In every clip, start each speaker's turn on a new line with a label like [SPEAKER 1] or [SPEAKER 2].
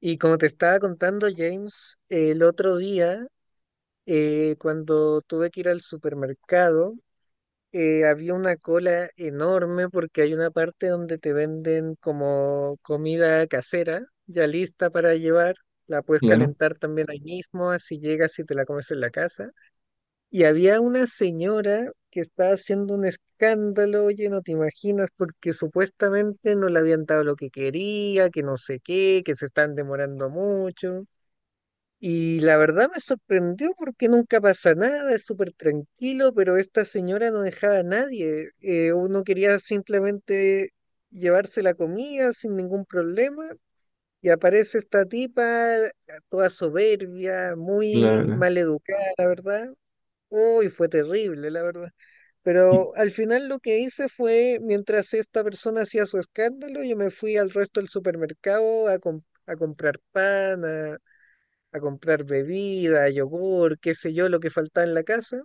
[SPEAKER 1] Y como te estaba contando, James, el otro día, cuando tuve que ir al supermercado, había una cola enorme porque hay una parte donde te venden como comida casera, ya lista para llevar. La puedes
[SPEAKER 2] Claro,
[SPEAKER 1] calentar también ahí mismo, así llegas y te la comes en la casa. Y había una señora que estaba haciendo un escándalo, oye, no te imaginas, porque supuestamente no le habían dado lo que quería, que no sé qué, que se están demorando mucho. Y la verdad me sorprendió porque nunca pasa nada, es súper tranquilo, pero esta señora no dejaba a nadie. Uno quería simplemente llevarse la comida sin ningún problema y aparece esta tipa toda soberbia, muy
[SPEAKER 2] claro, claro.
[SPEAKER 1] maleducada, la verdad. Uy, fue terrible, la verdad. Pero al final lo que hice fue, mientras esta persona hacía su escándalo, yo me fui al resto del supermercado a, a comprar pan, a comprar bebida, yogur, qué sé yo, lo que faltaba en la casa.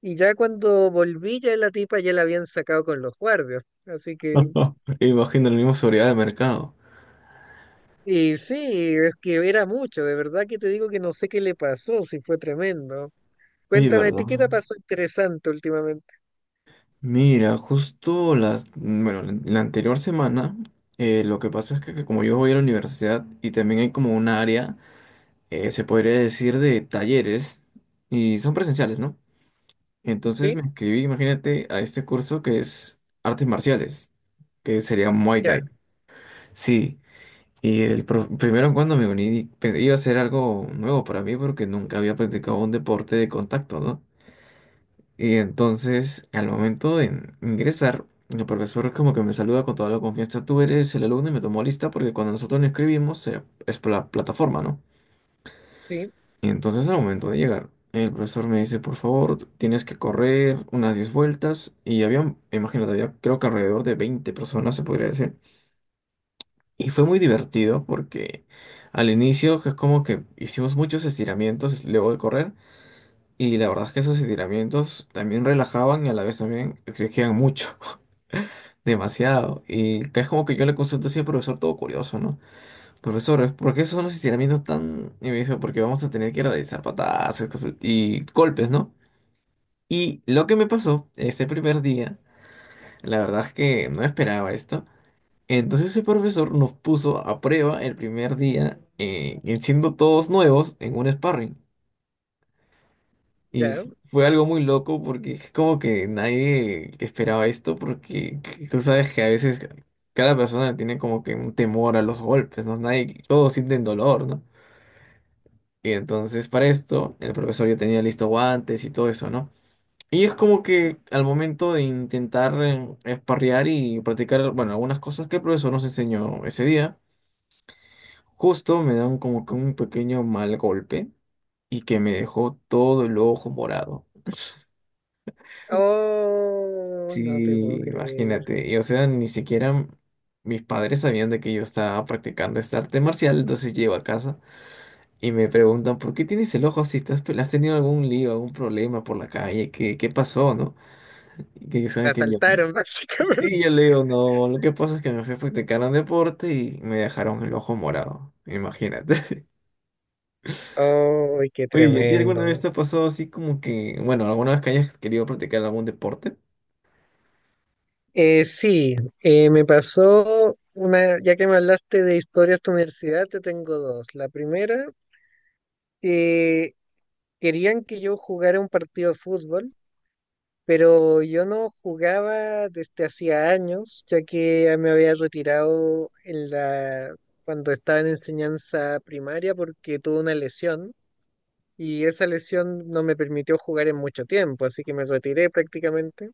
[SPEAKER 1] Y ya cuando volví, ya la tipa ya la habían sacado con los guardias. Así que,
[SPEAKER 2] Imagino la misma seguridad de mercado.
[SPEAKER 1] y sí, es que era mucho, de verdad que te digo que no sé qué le pasó, si fue tremendo.
[SPEAKER 2] Oye,
[SPEAKER 1] Cuéntame, ¿a
[SPEAKER 2] ¿verdad?
[SPEAKER 1] ti qué te pasó interesante últimamente?
[SPEAKER 2] Mira, justo las, bueno, la anterior semana, lo que pasa es que como yo voy a la universidad y también hay como un área, se podría decir de talleres y son presenciales, ¿no? Entonces
[SPEAKER 1] ¿Sí?
[SPEAKER 2] me inscribí, imagínate, a este curso que es artes marciales, que sería Muay
[SPEAKER 1] Ya,
[SPEAKER 2] Thai. Sí. Y el primero cuando me uní iba a ser algo nuevo para mí porque nunca había practicado un deporte de contacto, ¿no? Y entonces al momento de ingresar, el profesor como que me saluda con toda la confianza, tú eres el alumno y me tomó lista porque cuando nosotros nos escribimos es por la plataforma, ¿no?
[SPEAKER 1] sí,
[SPEAKER 2] Y entonces al momento de llegar, el profesor me dice, por favor, tienes que correr unas 10 vueltas y había, imagínate, había creo que alrededor de 20 personas, se podría decir. Y fue muy divertido porque al inicio es como que hicimos muchos estiramientos luego de correr y la verdad es que esos estiramientos también relajaban y a la vez también exigían mucho, demasiado. Y que es como que yo le consulto así al profesor todo curioso, ¿no? Profesor, ¿por qué son los estiramientos tan... Y me dijo, porque vamos a tener que realizar patadas y golpes, ¿no? Y lo que me pasó este primer día, la verdad es que no esperaba esto. Entonces ese profesor nos puso a prueba el primer día, y siendo todos nuevos, en un sparring. Y
[SPEAKER 1] ya.
[SPEAKER 2] fue algo muy loco porque es como que nadie esperaba esto porque tú sabes que a veces cada persona tiene como que un temor a los golpes, ¿no? Nadie, todos sienten dolor, ¿no? Y entonces para esto el profesor ya tenía listo guantes y todo eso, ¿no? Y es como que al momento de intentar sparrear y practicar, bueno, algunas cosas que el profesor nos enseñó ese día. Justo me da como que un pequeño mal golpe y que me dejó todo el ojo morado.
[SPEAKER 1] Oh,
[SPEAKER 2] Sí,
[SPEAKER 1] no te puedo creer.
[SPEAKER 2] imagínate. Y o sea, ni siquiera mis padres sabían de que yo estaba practicando este arte marcial, entonces llego a casa y me preguntan, ¿por qué tienes el ojo así? ¿Has tenido algún lío, algún problema por la calle? ¿Qué pasó, no? Y que ellos
[SPEAKER 1] La
[SPEAKER 2] saben que yo...
[SPEAKER 1] asaltaron, básicamente.
[SPEAKER 2] Sí, yo le digo, no, lo que pasa es que me fui a practicar un deporte y me dejaron el ojo morado. Imagínate.
[SPEAKER 1] Oh, qué
[SPEAKER 2] Oye, ¿y a ti alguna vez te
[SPEAKER 1] tremendo.
[SPEAKER 2] ha pasado así como que, bueno, alguna vez que hayas querido practicar algún deporte?
[SPEAKER 1] Sí, me pasó una, ya que me hablaste de historias de universidad, te tengo dos. La primera, eh, querían que yo jugara un partido de fútbol, pero yo no jugaba desde hacía años, ya que ya me había retirado en la, cuando estaba en enseñanza primaria porque tuve una lesión y esa lesión no me permitió jugar en mucho tiempo, así que me retiré prácticamente.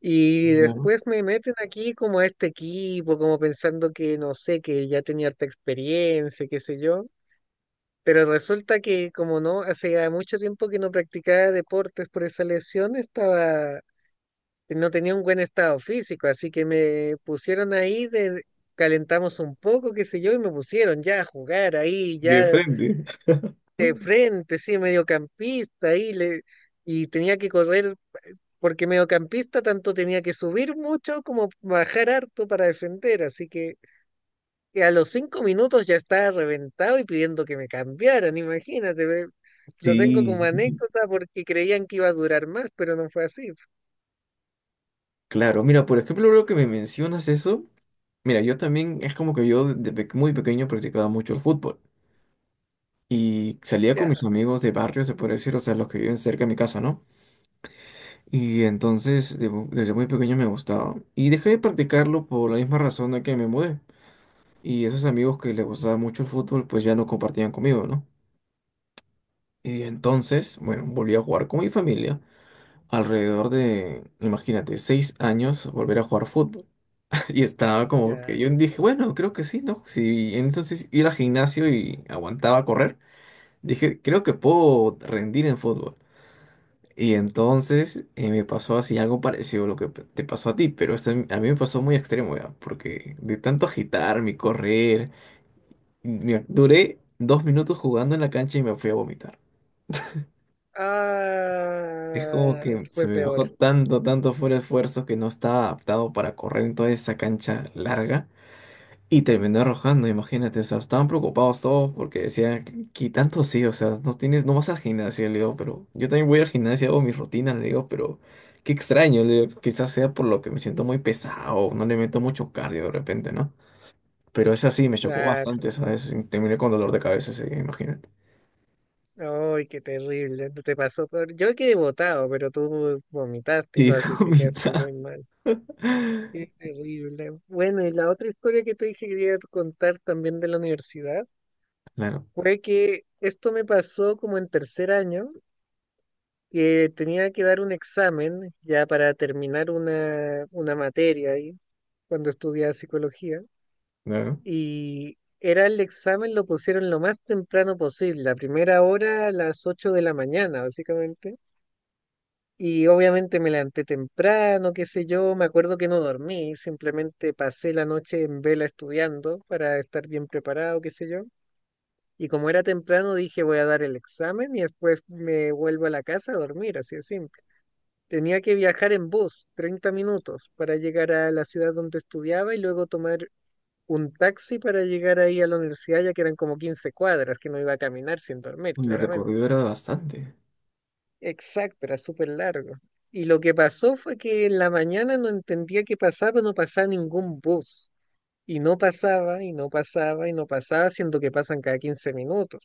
[SPEAKER 1] Y
[SPEAKER 2] Claro.
[SPEAKER 1] después me meten aquí como a este equipo, como pensando que no sé, que ya tenía harta experiencia, qué sé yo. Pero resulta que como no, hace mucho tiempo que no practicaba deportes por esa lesión, estaba, no tenía un buen estado físico, así que me pusieron ahí de, calentamos un poco, qué sé yo, y me pusieron ya a jugar ahí,
[SPEAKER 2] De
[SPEAKER 1] ya
[SPEAKER 2] frente.
[SPEAKER 1] de frente, sí, mediocampista, ahí le, y tenía que correr porque mediocampista tanto tenía que subir mucho como bajar harto para defender, así que a los 5 minutos ya estaba reventado y pidiendo que me cambiaran, imagínate, ve, lo tengo como
[SPEAKER 2] Sí,
[SPEAKER 1] anécdota porque creían que iba a durar más, pero no fue así,
[SPEAKER 2] claro. Mira, por ejemplo, lo que me mencionas eso, mira, yo también es como que yo desde muy pequeño practicaba mucho el fútbol y salía con mis
[SPEAKER 1] ya,
[SPEAKER 2] amigos de barrio, se puede decir, o sea, los que viven cerca de mi casa, ¿no? Y entonces desde muy pequeño me gustaba y dejé de practicarlo por la misma razón de que me mudé y esos amigos que les gustaba mucho el fútbol pues ya no compartían conmigo, ¿no? Y entonces, bueno, volví a jugar con mi familia. Alrededor de, imagínate, 6 años volver a jugar fútbol. Y estaba como que
[SPEAKER 1] ya.
[SPEAKER 2] yo dije, bueno, creo que sí, ¿no? Si entonces ir al gimnasio y aguantaba correr, dije, creo que puedo rendir en fútbol. Y entonces me pasó así algo parecido a lo que te pasó a ti, pero esto a mí me pasó muy extremo ya, porque de tanto agitarme y correr, duré 2 minutos jugando en la cancha y me fui a vomitar. Es como
[SPEAKER 1] Ah,
[SPEAKER 2] que se
[SPEAKER 1] fue
[SPEAKER 2] me
[SPEAKER 1] peor,
[SPEAKER 2] bajó tanto, tanto fuera de esfuerzo que no estaba adaptado para correr en toda esa cancha larga y terminó arrojando, imagínate, o sea, estaban preocupados todos porque decían, ¿qué tanto sí? O sea, no tienes, no vas al gimnasio, le digo, pero yo también voy al gimnasio, hago mis rutinas, le digo, pero qué extraño, le digo, quizás sea por lo que me siento muy pesado, no le meto mucho cardio de repente, ¿no? Pero es así, me chocó
[SPEAKER 1] claro.
[SPEAKER 2] bastante, ¿sabes? Y terminé con dolor de cabeza ese imagínate.
[SPEAKER 1] Ay, qué terrible. Te pasó peor. Yo quedé botado, pero tú vomitaste
[SPEAKER 2] Y
[SPEAKER 1] y todo, así
[SPEAKER 2] dijo
[SPEAKER 1] que quedaste
[SPEAKER 2] mitad.
[SPEAKER 1] muy mal. Qué terrible. Bueno, y la otra historia que te dije que quería contar también de la universidad
[SPEAKER 2] Claro,
[SPEAKER 1] fue que esto me pasó como en tercer año, que tenía que dar un examen ya para terminar una materia ahí, cuando estudiaba psicología,
[SPEAKER 2] claro.
[SPEAKER 1] y era el examen, lo pusieron lo más temprano posible, la primera hora a las 8:00 de la mañana, básicamente. Y obviamente me levanté temprano, qué sé yo, me acuerdo que no dormí, simplemente pasé la noche en vela estudiando para estar bien preparado, qué sé yo. Y como era temprano, dije voy a dar el examen y después me vuelvo a la casa a dormir, así de simple. Tenía que viajar en bus 30 minutos para llegar a la ciudad donde estudiaba y luego tomar un taxi para llegar ahí a la universidad, ya que eran como 15 cuadras, que no iba a caminar sin dormir,
[SPEAKER 2] Uy, el
[SPEAKER 1] claramente.
[SPEAKER 2] recorrido era bastante.
[SPEAKER 1] Exacto, era súper largo. Y lo que pasó fue que en la mañana no entendía qué pasaba, no pasaba ningún bus. Y no pasaba, y no pasaba, y no pasaba, siendo que pasan cada 15 minutos.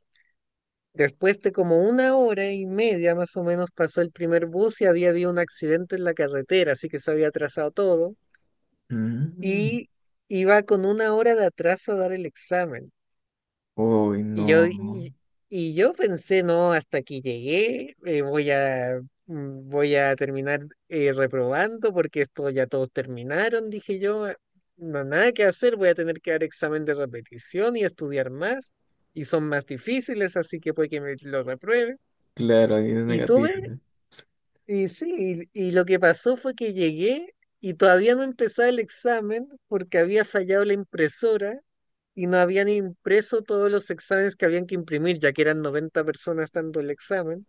[SPEAKER 1] Después de como una hora y media más o menos pasó el primer bus y había habido un accidente en la carretera, así que se había atrasado todo.
[SPEAKER 2] Mm.
[SPEAKER 1] Y iba con una hora de atraso a dar el examen.
[SPEAKER 2] Uy,
[SPEAKER 1] Y yo,
[SPEAKER 2] no.
[SPEAKER 1] y, y yo pensé, no, hasta aquí llegué, voy a terminar reprobando porque esto ya todos terminaron, dije yo, "Ah, no, nada que hacer, voy a tener que dar examen de repetición y estudiar más, y son más difíciles, así que puede que me lo repruebe.
[SPEAKER 2] Claro, ahí es
[SPEAKER 1] Y
[SPEAKER 2] negativo,
[SPEAKER 1] tuve,
[SPEAKER 2] ¿no?
[SPEAKER 1] y sí, y lo que pasó fue que llegué y todavía no empezaba el examen porque había fallado la impresora y no habían impreso todos los exámenes que habían que imprimir, ya que eran 90 personas dando el examen.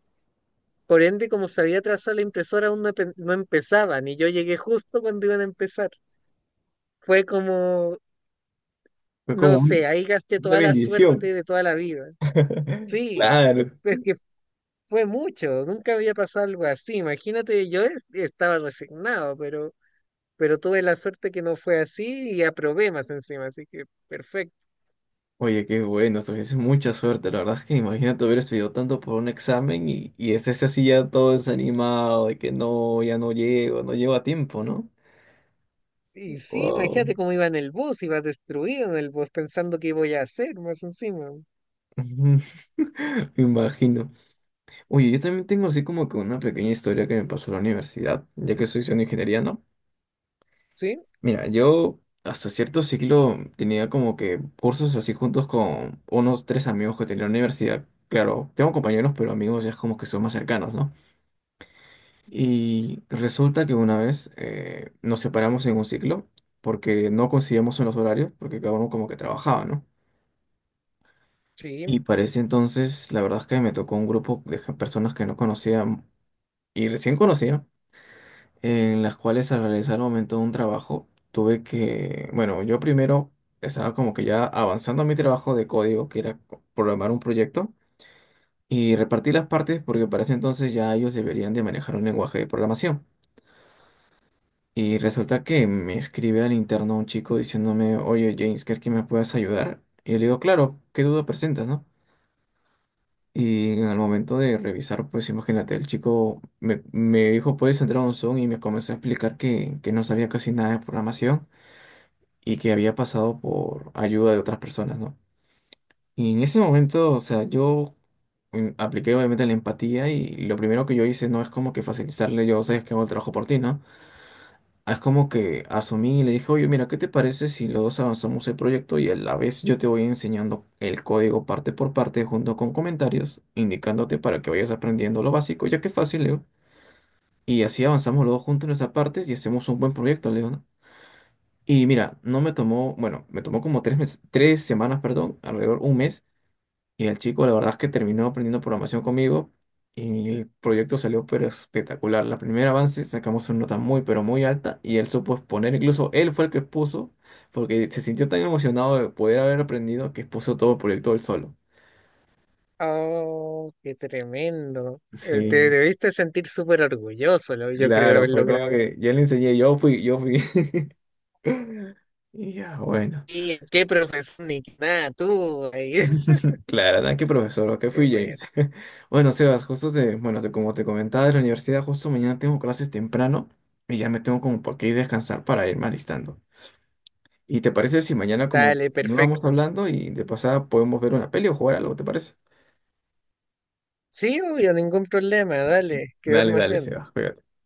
[SPEAKER 1] Por ende, como se había atrasado la impresora, aún no, no empezaban y yo llegué justo cuando iban a empezar. Fue como,
[SPEAKER 2] Fue como
[SPEAKER 1] no sé, ahí gasté
[SPEAKER 2] una
[SPEAKER 1] toda la
[SPEAKER 2] bendición.
[SPEAKER 1] suerte de toda la vida. Sí,
[SPEAKER 2] Claro.
[SPEAKER 1] es que fue mucho, nunca había pasado algo así. Imagínate, yo estaba resignado, pero tuve la suerte que no fue así y aprobé más encima, así que perfecto.
[SPEAKER 2] Oye, qué bueno, tuviste mucha suerte. La verdad es que imagínate haber estudiado tanto por un examen y estés así ya todo desanimado de que no, ya no llego, no llego a tiempo, ¿no?
[SPEAKER 1] Y sí,
[SPEAKER 2] Wow.
[SPEAKER 1] imagínate cómo iba en el bus, iba destruido en el bus pensando qué voy a hacer más encima.
[SPEAKER 2] Me imagino. Oye, yo también tengo así como que una pequeña historia que me pasó en la universidad, ya que soy de ingeniería, ¿no?
[SPEAKER 1] Sí,
[SPEAKER 2] Mira, yo hasta cierto ciclo tenía como que cursos así juntos con unos tres amigos que tenía en la universidad. Claro, tengo compañeros, pero amigos ya es como que son más cercanos, ¿no? Y resulta que una vez nos separamos en un ciclo porque no coincidíamos en los horarios, porque cada uno como que trabajaba, ¿no? Y
[SPEAKER 1] sí.
[SPEAKER 2] para ese entonces, la verdad es que me tocó un grupo de personas que no conocía y recién conocía. En las cuales al realizar al momento de un trabajo tuve que, bueno, yo primero estaba como que ya avanzando en mi trabajo de código, que era programar un proyecto, y repartí las partes porque para ese entonces ya ellos deberían de manejar un lenguaje de programación. Y resulta que me escribe al interno un chico diciéndome, oye James, ¿crees que me puedas ayudar? Y yo le digo, claro, ¿qué duda presentas, no? Y al momento de revisar, pues imagínate, el chico me dijo, puedes entrar a un Zoom y me comenzó a explicar que no sabía casi nada de programación y que había pasado por ayuda de otras personas, ¿no? Y en ese momento, o sea, yo apliqué obviamente la empatía y lo primero que yo hice no es como que facilitarle, yo sé que hago el trabajo por ti, ¿no? Es como que asumí y le dije, oye, mira, ¿qué te parece si los dos avanzamos el proyecto y a la vez yo te voy enseñando el código parte por parte junto con comentarios, indicándote para que vayas aprendiendo lo básico, ya que es fácil, Leo. Y así avanzamos los dos juntos en nuestras partes y hacemos un buen proyecto, Leo, ¿no? Y mira, no me tomó, bueno, me tomó como 3 meses, 3 semanas, perdón, alrededor un mes. Y el chico, la verdad es que terminó aprendiendo programación conmigo y el proyecto salió pero espectacular. La primera avance sacamos una nota muy, pero muy alta y él supo exponer, incluso él fue el que expuso, porque se sintió tan emocionado de poder haber aprendido que expuso todo el proyecto él solo.
[SPEAKER 1] Oh, qué tremendo. Te
[SPEAKER 2] Sí,
[SPEAKER 1] debiste sentir súper orgulloso, yo creo, de
[SPEAKER 2] claro,
[SPEAKER 1] haber
[SPEAKER 2] fue como
[SPEAKER 1] logrado eso.
[SPEAKER 2] que yo le enseñé, yo fui, yo fui. Y ya, bueno.
[SPEAKER 1] Y qué profesor, ni qué nada, tú. Ahí.
[SPEAKER 2] Claro, nada, qué profesor, ok,
[SPEAKER 1] Qué
[SPEAKER 2] fui James.
[SPEAKER 1] bueno.
[SPEAKER 2] Bueno, Sebas, justo como te comentaba de la universidad, justo mañana tengo clases temprano y ya me tengo como por qué ir a descansar para irme alistando. ¿Y te parece si mañana como que
[SPEAKER 1] Dale,
[SPEAKER 2] continuamos
[SPEAKER 1] perfecto.
[SPEAKER 2] hablando y de pasada podemos ver una peli o jugar algo, ¿te parece?
[SPEAKER 1] Sí, obvio, ningún problema, dale, que
[SPEAKER 2] Dale,
[SPEAKER 1] duermas
[SPEAKER 2] dale,
[SPEAKER 1] bien.
[SPEAKER 2] Sebas, cuídate.